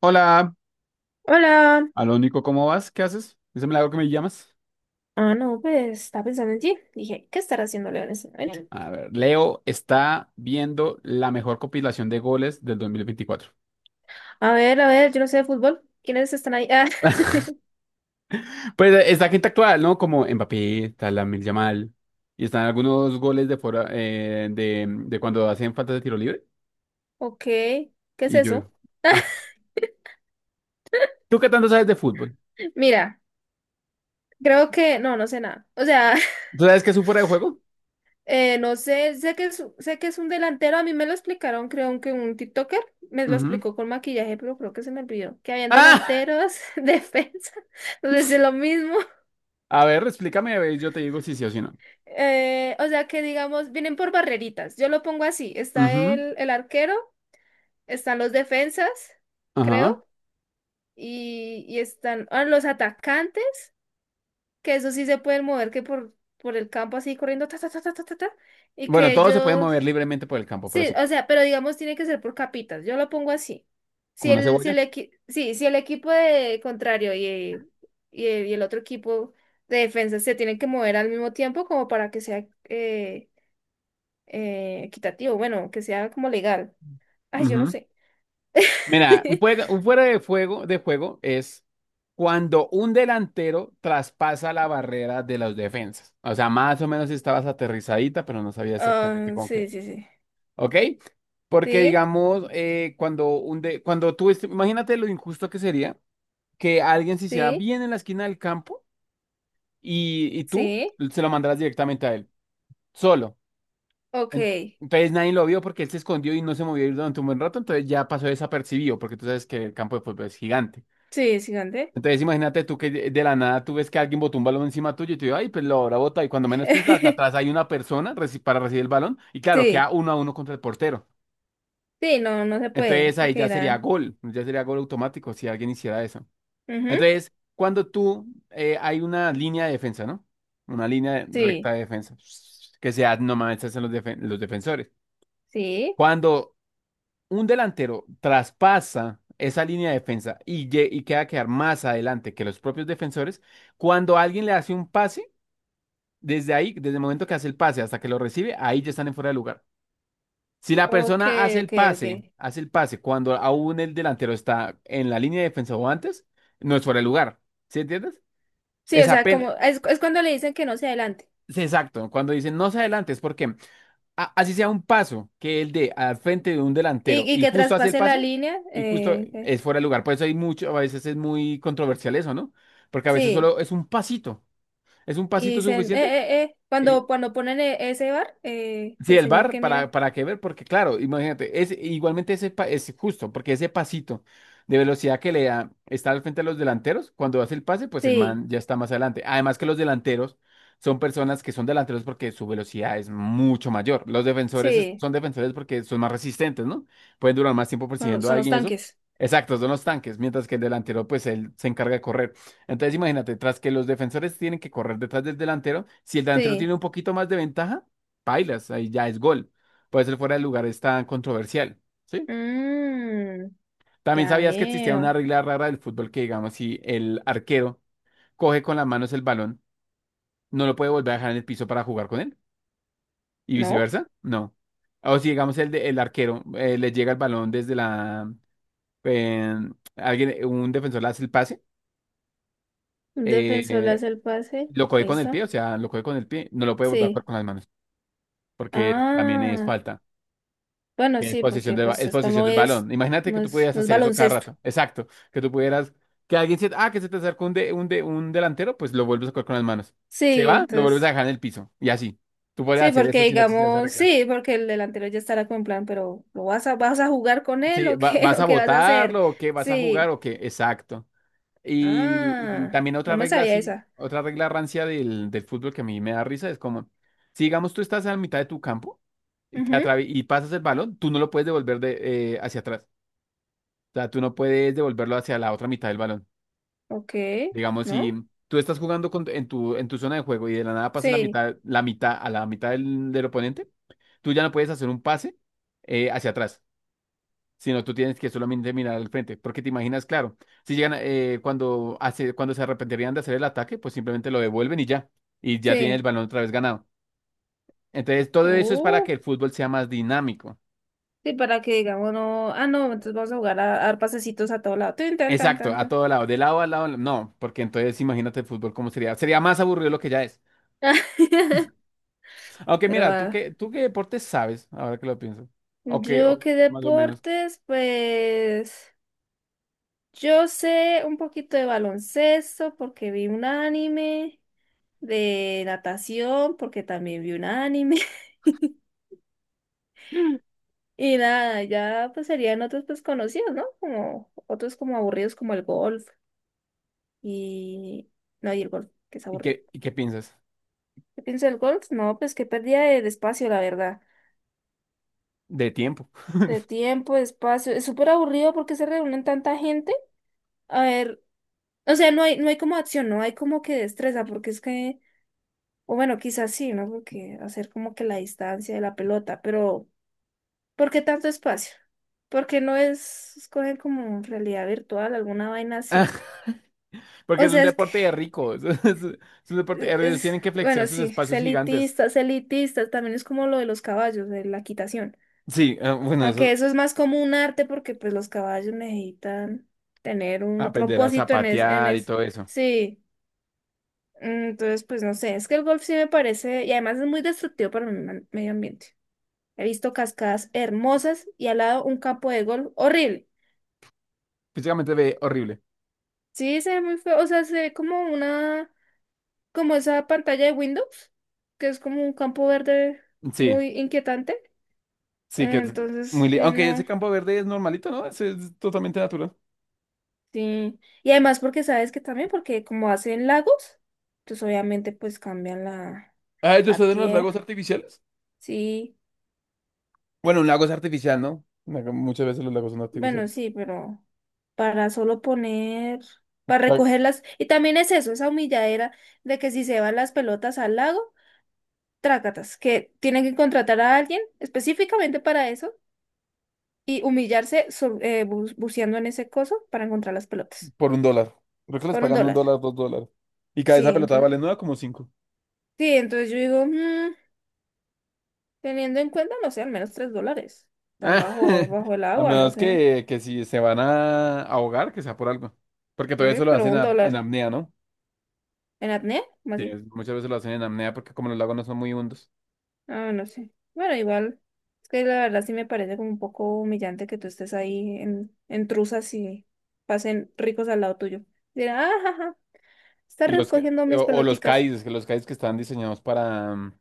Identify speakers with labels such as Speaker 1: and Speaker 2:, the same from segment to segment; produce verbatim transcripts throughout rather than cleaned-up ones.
Speaker 1: Hola,
Speaker 2: Hola.
Speaker 1: Alónico, ¿cómo vas? ¿Qué haces? Es el milagro que me llamas.
Speaker 2: Ah, no, pues estaba pensando en ti. Dije, ¿qué estará haciendo Leo en este momento? Bien.
Speaker 1: A ver, Leo está viendo la mejor compilación de goles del dos mil veinticuatro.
Speaker 2: A ver, a ver, yo no sé de fútbol. ¿Quiénes están ahí? Ah,
Speaker 1: Pues eh, está gente actual, ¿no? Como Mbappé, está Lamine Yamal, y están algunos goles de fuera, eh, de, de cuando hacen falta de tiro libre.
Speaker 2: ok. ¿Qué es
Speaker 1: Y yo,
Speaker 2: eso?
Speaker 1: ah, ¿tú qué tanto sabes de fútbol?
Speaker 2: Mira, creo que no, no sé nada. O sea,
Speaker 1: ¿Tú sabes qué es un fuera de juego?
Speaker 2: eh, no sé, sé que es, sé que es un delantero. A mí me lo explicaron, creo que un TikToker me lo
Speaker 1: Ujú.
Speaker 2: explicó con maquillaje, pero creo que se me olvidó. Que habían
Speaker 1: Ah,
Speaker 2: delanteros, defensa. Entonces es lo mismo.
Speaker 1: a ver, explícame, a ver, yo te digo si sí o si no.
Speaker 2: Eh, o sea que digamos, vienen por barreritas. Yo lo pongo así. Está
Speaker 1: Ujú.
Speaker 2: el, el arquero. Están los defensas,
Speaker 1: Ajá.
Speaker 2: creo, y, y están ah, los atacantes, que eso sí se pueden mover que por, por el campo así corriendo, ta, ta, ta, ta, ta, ta, ta, y
Speaker 1: Bueno,
Speaker 2: que
Speaker 1: todos se pueden
Speaker 2: ellos,
Speaker 1: mover libremente por el campo, pero
Speaker 2: sí,
Speaker 1: sí,
Speaker 2: o sea, pero digamos tiene que ser por capitas, yo lo pongo así. Si
Speaker 1: como una
Speaker 2: el, si
Speaker 1: cebolla.
Speaker 2: el, equi- sí, si el equipo de contrario y, y, y el otro equipo de defensa se tienen que mover al mismo tiempo como para que sea eh, eh, equitativo, bueno, que sea como legal. Ay, yo no
Speaker 1: Ujú.
Speaker 2: sé.
Speaker 1: Mira, un fuera, un fuera de juego, de juego es cuando un delantero traspasa la barrera de las defensas. O sea, más o menos estabas aterrizadita, pero no sabía exactamente
Speaker 2: Ah,
Speaker 1: con qué.
Speaker 2: sí, sí, sí.
Speaker 1: ¿Ok? Porque
Speaker 2: Sí,
Speaker 1: digamos, eh, cuando, un de, cuando tú, est- imagínate lo injusto que sería que alguien se hiciera
Speaker 2: sí,
Speaker 1: bien en la esquina del campo y, y tú
Speaker 2: sí.
Speaker 1: se lo mandaras directamente a él, solo.
Speaker 2: Ok.
Speaker 1: En- Entonces nadie lo vio porque él se escondió y no se movió durante un buen rato, entonces ya pasó desapercibido, porque tú sabes que el campo de fútbol es gigante.
Speaker 2: Sí, gigante.
Speaker 1: Entonces imagínate tú que de de la nada tú ves que alguien botó un balón encima tuyo y tú dices, ay, pues lo habrá botado. Y cuando menos piensas, hasta atrás hay una persona reci- para recibir el balón y claro, queda
Speaker 2: Sí,
Speaker 1: uno a uno contra el portero.
Speaker 2: sí, no, no se puede,
Speaker 1: Entonces ahí
Speaker 2: porque
Speaker 1: ya sería
Speaker 2: eran.
Speaker 1: gol, ya sería gol automático si alguien hiciera eso.
Speaker 2: Ujú.
Speaker 1: Entonces, cuando tú, eh, hay una línea de defensa, ¿no? Una línea de-
Speaker 2: Sí,
Speaker 1: recta de defensa, que sea, no mames, esos son los, defen- los defensores.
Speaker 2: sí.
Speaker 1: Cuando un delantero traspasa esa línea de defensa y, lle- y queda a quedar más adelante que los propios defensores, cuando alguien le hace un pase, desde ahí, desde el momento que hace el pase hasta que lo recibe, ahí ya están en fuera de lugar. Si la
Speaker 2: Ok,
Speaker 1: persona hace el
Speaker 2: ok, ok.
Speaker 1: pase, hace el pase cuando aún el delantero está en la línea de defensa o antes, no es fuera de lugar. ¿Sí entiendes?
Speaker 2: Sí,
Speaker 1: Es
Speaker 2: o sea,
Speaker 1: apenas,
Speaker 2: como es, es cuando le dicen que no se adelante
Speaker 1: es exacto. Cuando dicen no se adelante, es porque a- así sea un paso que el de al frente de un delantero
Speaker 2: y, y
Speaker 1: y
Speaker 2: que
Speaker 1: justo hace el
Speaker 2: traspase la
Speaker 1: pase
Speaker 2: línea.
Speaker 1: y justo
Speaker 2: eh, eh,
Speaker 1: es fuera de lugar. Por eso hay mucho, a veces es muy controversial eso, ¿no? Porque a veces
Speaker 2: Sí,
Speaker 1: solo es un pasito, es un
Speaker 2: y
Speaker 1: pasito
Speaker 2: dicen,
Speaker 1: suficiente.
Speaker 2: eh, eh, eh,
Speaker 1: eh,
Speaker 2: cuando, cuando ponen e- ese bar, eh,
Speaker 1: Sí,
Speaker 2: el
Speaker 1: el
Speaker 2: señor
Speaker 1: bar,
Speaker 2: que
Speaker 1: para,
Speaker 2: mira.
Speaker 1: para qué ver, porque claro, imagínate, es, igualmente ese pa- es justo, porque ese pasito de velocidad que le da está al frente de los delanteros, cuando hace el pase, pues el
Speaker 2: Sí,
Speaker 1: man ya está más adelante. Además que los delanteros son personas que son delanteros porque su velocidad es mucho mayor. Los defensores es-
Speaker 2: sí,
Speaker 1: son defensores porque son más resistentes, ¿no? Pueden durar más tiempo
Speaker 2: son los,
Speaker 1: persiguiendo a
Speaker 2: son los
Speaker 1: alguien y eso.
Speaker 2: tanques.
Speaker 1: Exacto, son los tanques, mientras que el delantero, pues él se encarga de correr. Entonces imagínate, tras que los defensores tienen que correr detrás del delantero, si el delantero
Speaker 2: Sí.
Speaker 1: tiene un poquito más de ventaja, pailas, ahí ya es gol. Puede ser fuera de lugar, es tan controversial, ¿sí?
Speaker 2: Mm,
Speaker 1: También
Speaker 2: ya
Speaker 1: sabías que existía una
Speaker 2: veo.
Speaker 1: regla rara del fútbol que, digamos, si el arquero coge con las manos el balón, no lo puede volver a dejar en el piso para jugar con él y
Speaker 2: ¿No?
Speaker 1: viceversa, no. O si, digamos, el, de- el arquero eh, le llega el balón desde la... eh, alguien, un defensor le hace el pase,
Speaker 2: Un defensor le
Speaker 1: eh,
Speaker 2: hace el pase.
Speaker 1: lo coge con el
Speaker 2: ¿Listo?
Speaker 1: pie, o sea, lo coge con el pie, no lo puede volver a jugar
Speaker 2: Sí.
Speaker 1: con las manos, porque también es
Speaker 2: Ah,
Speaker 1: falta.
Speaker 2: bueno,
Speaker 1: Tienes
Speaker 2: sí,
Speaker 1: posición
Speaker 2: porque
Speaker 1: del, ba-
Speaker 2: pues
Speaker 1: es
Speaker 2: esto
Speaker 1: posición
Speaker 2: no
Speaker 1: del
Speaker 2: es,
Speaker 1: balón. Imagínate que
Speaker 2: no
Speaker 1: tú
Speaker 2: es,
Speaker 1: pudieras
Speaker 2: no es
Speaker 1: hacer eso cada
Speaker 2: baloncesto.
Speaker 1: rato. Exacto. Que tú pudieras, que alguien se, ah, que se te acerca un, de, un, de, un delantero, pues lo vuelves a coger con las manos. Se
Speaker 2: Sí,
Speaker 1: va, lo vuelves a
Speaker 2: entonces,
Speaker 1: dejar en el piso. Y así. Tú puedes
Speaker 2: sí,
Speaker 1: hacer eso
Speaker 2: porque
Speaker 1: si no existiera esa
Speaker 2: digamos,
Speaker 1: regla.
Speaker 2: sí, porque el delantero ya estará con plan, pero ¿lo vas a, vas a jugar con él
Speaker 1: Sí,
Speaker 2: o
Speaker 1: va-
Speaker 2: qué,
Speaker 1: ¿vas a
Speaker 2: o qué vas a hacer?
Speaker 1: votarlo o qué? ¿Vas a jugar
Speaker 2: Sí.
Speaker 1: o qué? Exacto. Y, y
Speaker 2: Ah,
Speaker 1: también
Speaker 2: no
Speaker 1: otra
Speaker 2: me
Speaker 1: regla
Speaker 2: sabía
Speaker 1: así,
Speaker 2: esa.
Speaker 1: otra regla rancia del, del fútbol que a mí me da risa es como, si digamos tú estás a la mitad de tu campo y, te
Speaker 2: Ujú.
Speaker 1: atravi- y pasas el balón, tú no lo puedes devolver de, eh, hacia atrás. Sea, tú no puedes devolverlo hacia la otra mitad del balón.
Speaker 2: Ok,
Speaker 1: Digamos, si
Speaker 2: ¿no?
Speaker 1: tú estás jugando con- en tu, en tu zona de juego y de la nada pasas la
Speaker 2: Sí,
Speaker 1: mitad, la mitad a la mitad del, del oponente, tú ya no puedes hacer un pase eh, hacia atrás, sino tú tienes que solamente mirar al frente, porque te imaginas, claro, si llegan eh, cuando hace, cuando se arrepentirían de hacer el ataque, pues simplemente lo devuelven y ya, y ya tienen el
Speaker 2: sí.
Speaker 1: balón otra vez ganado. Entonces, todo eso es para que
Speaker 2: Oh,
Speaker 1: el fútbol sea más dinámico.
Speaker 2: sí, para que digamos, no, ah, no, entonces vamos a jugar a, a dar pasecitos a todo lado. Tin, tan, tan,
Speaker 1: Exacto,
Speaker 2: tan,
Speaker 1: a
Speaker 2: tan.
Speaker 1: todo lado, de lado a lado, no, porque entonces imagínate el fútbol cómo sería. Sería más aburrido lo que ya es. Aunque
Speaker 2: Pero
Speaker 1: mira, ¿tú
Speaker 2: ah,
Speaker 1: qué, ¿tú qué deporte sabes ahora que lo pienso? O qué, o
Speaker 2: yo qué
Speaker 1: más o menos.
Speaker 2: deportes, pues yo sé un poquito de baloncesto porque vi un anime, de natación porque también vi un anime. Y nada, ya pues serían otros pues conocidos, ¿no? Como otros como aburridos como el golf y no, y el golf, que es
Speaker 1: ¿Y
Speaker 2: aburrido.
Speaker 1: qué, ¿y qué piensas?
Speaker 2: ¿Qué pienso del golf? No, pues que pérdida de espacio, la verdad.
Speaker 1: De tiempo.
Speaker 2: De tiempo, de espacio. Es súper aburrido porque se reúnen tanta gente. A ver, o sea, no hay, no hay como acción, no hay como que destreza, porque es que, o bueno, quizás sí, ¿no? Porque hacer como que la distancia de la pelota, pero ¿por qué tanto espacio? Porque no es escoger como realidad virtual, alguna vaina así.
Speaker 1: Porque
Speaker 2: O
Speaker 1: es un
Speaker 2: sea, es que,
Speaker 1: deporte de ricos. Es, un deporte. eh,
Speaker 2: e-,
Speaker 1: Ellos
Speaker 2: es,
Speaker 1: tienen que flexear
Speaker 2: Bueno,
Speaker 1: sus
Speaker 2: sí, es
Speaker 1: espacios gigantes.
Speaker 2: elitista, es elitista, también es como lo de los caballos, de la quitación.
Speaker 1: Sí, eh, bueno,
Speaker 2: Aunque
Speaker 1: eso.
Speaker 2: eso es más como un arte porque pues los caballos necesitan tener un
Speaker 1: Aprender a
Speaker 2: propósito en es, en
Speaker 1: zapatear y
Speaker 2: es,
Speaker 1: todo eso.
Speaker 2: sí. Entonces, pues no sé, es que el golf sí me parece, y además es muy destructivo para el man- medio ambiente. He visto cascadas hermosas y al lado un campo de golf horrible.
Speaker 1: Físicamente ve horrible.
Speaker 2: Sí, se ve muy feo, o sea, se ve como una, como esa pantalla de Windows, que es como un campo verde
Speaker 1: Sí,
Speaker 2: muy inquietante.
Speaker 1: sí, que es muy.
Speaker 2: Entonces,
Speaker 1: li-
Speaker 2: sí,
Speaker 1: Aunque ese
Speaker 2: no,
Speaker 1: campo verde es normalito, ¿no? Ese es totalmente natural.
Speaker 2: sí. Y además porque sabes que también, porque como hacen lagos, entonces obviamente pues cambian la,
Speaker 1: Ah, ¿ellos
Speaker 2: la
Speaker 1: ustedes en los
Speaker 2: tierra,
Speaker 1: lagos artificiales?
Speaker 2: sí.
Speaker 1: Bueno, un lago es artificial, ¿no? Muchas veces los lagos son
Speaker 2: Bueno,
Speaker 1: artificiales.
Speaker 2: sí, pero para solo poner, para recogerlas. Y también es eso, esa humilladera de que si se van las pelotas al lago, trácatas, que tienen que contratar a alguien específicamente para eso y humillarse so- eh, bu- buceando en ese coso para encontrar las pelotas.
Speaker 1: Por un dólar. Creo que les
Speaker 2: Por un
Speaker 1: pagan un
Speaker 2: dólar.
Speaker 1: dólar, dos dólares. Y cada
Speaker 2: Sí,
Speaker 1: esa pelota
Speaker 2: entonces,
Speaker 1: vale nueve como cinco.
Speaker 2: sí, entonces yo digo, mm, teniendo en cuenta, no sé, al menos tres dólares. Están bajo, bajo el
Speaker 1: A
Speaker 2: agua, no
Speaker 1: menos
Speaker 2: sé.
Speaker 1: que, que si se van a ahogar, que sea por algo. Porque
Speaker 2: Sí,
Speaker 1: todo eso lo
Speaker 2: pero
Speaker 1: hacen
Speaker 2: un
Speaker 1: a- en
Speaker 2: dólar.
Speaker 1: apnea, ¿no?
Speaker 2: ¿En apnea? ¿Cómo
Speaker 1: Sí.
Speaker 2: así?
Speaker 1: Es- Muchas veces lo hacen en apnea porque como los lagos no son muy hondos.
Speaker 2: Ah, no sé. Bueno, igual, es que la verdad sí me parece como un poco humillante que tú estés ahí en, en truzas y pasen ricos al lado tuyo. Dirán, ah, ja, ja, está
Speaker 1: Y los, ca-
Speaker 2: recogiendo
Speaker 1: o,
Speaker 2: mis
Speaker 1: o los
Speaker 2: peloticas.
Speaker 1: cais, que los cais que están diseñados para, mm,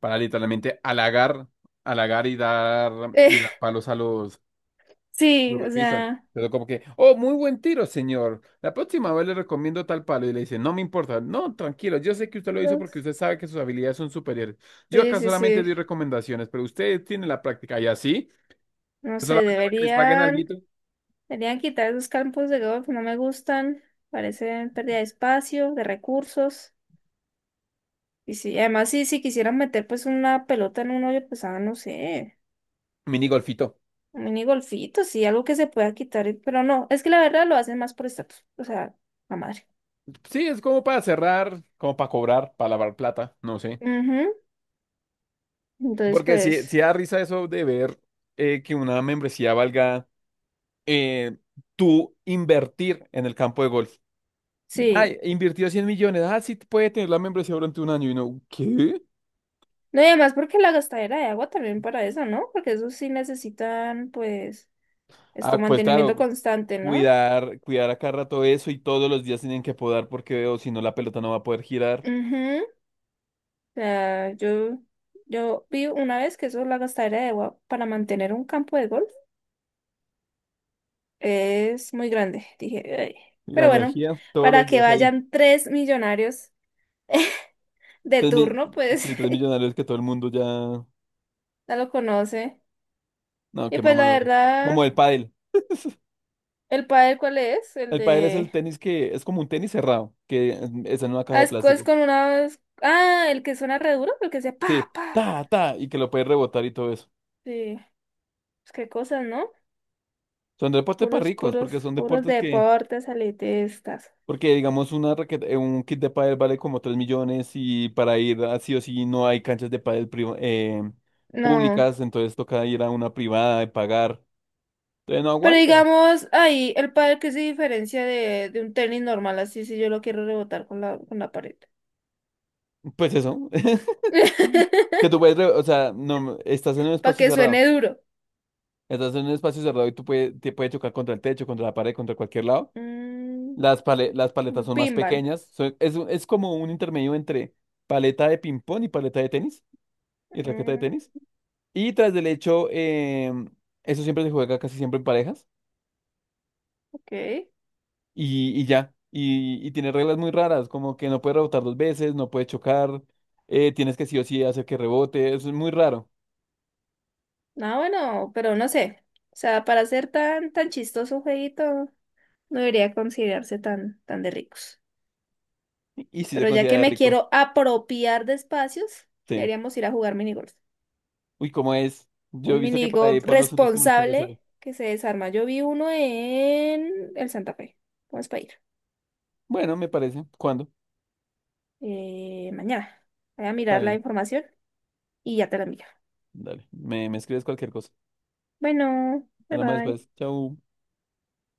Speaker 1: para literalmente halagar, halagar y dar,
Speaker 2: Eh,
Speaker 1: y dar palos a los, lo
Speaker 2: sí, o
Speaker 1: golpizan.
Speaker 2: sea,
Speaker 1: Pero como que, oh, muy buen tiro, señor. La próxima vez le recomiendo tal palo. Y le dice, no me importa. No, tranquilo. Yo sé que usted lo hizo
Speaker 2: los...
Speaker 1: porque usted sabe que sus habilidades son superiores. Yo
Speaker 2: Sí,
Speaker 1: acá
Speaker 2: sí,
Speaker 1: solamente
Speaker 2: sí.
Speaker 1: doy recomendaciones, pero usted tiene la práctica. Y así,
Speaker 2: No
Speaker 1: pues
Speaker 2: sé,
Speaker 1: solamente para que les paguen
Speaker 2: deberían,
Speaker 1: alguito,
Speaker 2: deberían quitar esos campos de golf, no me gustan. Parecen pérdida de espacio, de recursos. Y sí, además sí, si quisieran meter pues una pelota en un hoyo, pues ah, no sé.
Speaker 1: mini golfito.
Speaker 2: Un mini golfito, sí, algo que se pueda quitar, eh, pero no, es que la verdad lo hacen más por estatus, o sea, la madre.
Speaker 1: Sí, es como para cerrar, como para cobrar, para lavar plata, no sé.
Speaker 2: Ujú. Entonces,
Speaker 1: Porque si, si
Speaker 2: pues,
Speaker 1: da risa eso de ver eh, que una membresía valga eh, tú invertir en el campo de golf.
Speaker 2: sí.
Speaker 1: Ay, invirtió cien millones. Ah, sí, puede tener la membresía durante un año. Y no, ¿qué?
Speaker 2: No, y además porque la gastadera de agua también para eso, ¿no? Porque eso sí necesitan, pues, esto,
Speaker 1: Ah, pues
Speaker 2: mantenimiento
Speaker 1: claro,
Speaker 2: constante, ¿no?
Speaker 1: cuidar, cuidar a cada rato eso y todos los días tienen que podar porque o si no la pelota no va a poder girar.
Speaker 2: Ujú. O sea, yo, yo vi una vez que eso, la gastadera de agua para mantener un campo de golf es muy grande. Dije, "Ay".
Speaker 1: Y la
Speaker 2: Pero bueno,
Speaker 1: energía, todos
Speaker 2: para
Speaker 1: los
Speaker 2: que
Speaker 1: días ahí.
Speaker 2: vayan tres millonarios de
Speaker 1: Tres mi-
Speaker 2: turno, pues
Speaker 1: sí, tres millonarios que todo el mundo ya.
Speaker 2: ya lo conoce.
Speaker 1: No,
Speaker 2: Y
Speaker 1: qué
Speaker 2: pues la
Speaker 1: mamadores.
Speaker 2: verdad,
Speaker 1: Como el pádel.
Speaker 2: ¿el padre cuál es? El
Speaker 1: El pádel es el
Speaker 2: de...
Speaker 1: tenis que es como un tenis cerrado, que es en una caja
Speaker 2: Ah,
Speaker 1: de
Speaker 2: es, co- es
Speaker 1: plástico.
Speaker 2: con una... Ah, el que suena re duro, el que sea
Speaker 1: Sí,
Speaker 2: pa, pa.
Speaker 1: ta, ta, y que lo puedes rebotar y todo eso.
Speaker 2: Sí, pues qué cosas, ¿no?
Speaker 1: Son deportes para
Speaker 2: Puros,
Speaker 1: ricos,
Speaker 2: puros,
Speaker 1: porque son
Speaker 2: puros
Speaker 1: deportes que
Speaker 2: deportes elitistas.
Speaker 1: porque, digamos, una raqueta, eh, un kit de pádel vale como tres millones y para ir así o sí no hay canchas de pádel priva- eh,
Speaker 2: No.
Speaker 1: públicas, entonces toca ir a una privada y pagar. Entonces no
Speaker 2: Pero
Speaker 1: aguanta.
Speaker 2: digamos, ahí, el padre que se diferencia de, de un tenis normal, así si yo lo quiero rebotar con la, con la pared.
Speaker 1: Pues eso, que tú puedes, re- o sea, no, estás en un
Speaker 2: Para
Speaker 1: espacio
Speaker 2: que
Speaker 1: cerrado,
Speaker 2: suene duro.
Speaker 1: estás en un espacio cerrado y tú puedes, te puede chocar contra el techo, contra la pared, contra cualquier lado.
Speaker 2: Mm,
Speaker 1: Las, pale- las paletas
Speaker 2: un
Speaker 1: son más
Speaker 2: pinball.
Speaker 1: pequeñas, son- es, es como un intermedio entre paleta de ping-pong y paleta de tenis y raqueta de
Speaker 2: Mm,
Speaker 1: tenis. Y tras del hecho, em, eso siempre se juega casi siempre en parejas
Speaker 2: ok.
Speaker 1: y, y ya. Y, y tiene reglas muy raras, como que no puede rebotar dos veces, no puede chocar, eh, tienes que sí o sí hacer que rebote, eso es muy raro.
Speaker 2: Ah, bueno, pero no sé. O sea, para ser tan, tan chistoso un jueguito, no debería considerarse tan, tan de ricos.
Speaker 1: Y, si se
Speaker 2: Pero ya que
Speaker 1: considera
Speaker 2: me
Speaker 1: rico,
Speaker 2: quiero apropiar de espacios,
Speaker 1: sí.
Speaker 2: deberíamos ir a jugar minigolf.
Speaker 1: Uy, ¿cómo es? Yo he
Speaker 2: Un
Speaker 1: visto que para ahí
Speaker 2: minigolf
Speaker 1: por los centros comerciales hay.
Speaker 2: responsable que se desarma. Yo vi uno en el Santa Fe. Vamos para ir.
Speaker 1: Bueno, me parece. ¿Cuándo?
Speaker 2: Eh, mañana. Voy a
Speaker 1: Está
Speaker 2: mirar la
Speaker 1: bien.
Speaker 2: información y ya te la envío.
Speaker 1: Dale, me, me escribes cualquier cosa.
Speaker 2: Bueno, bye
Speaker 1: Hablamos
Speaker 2: bye.
Speaker 1: después. Chau.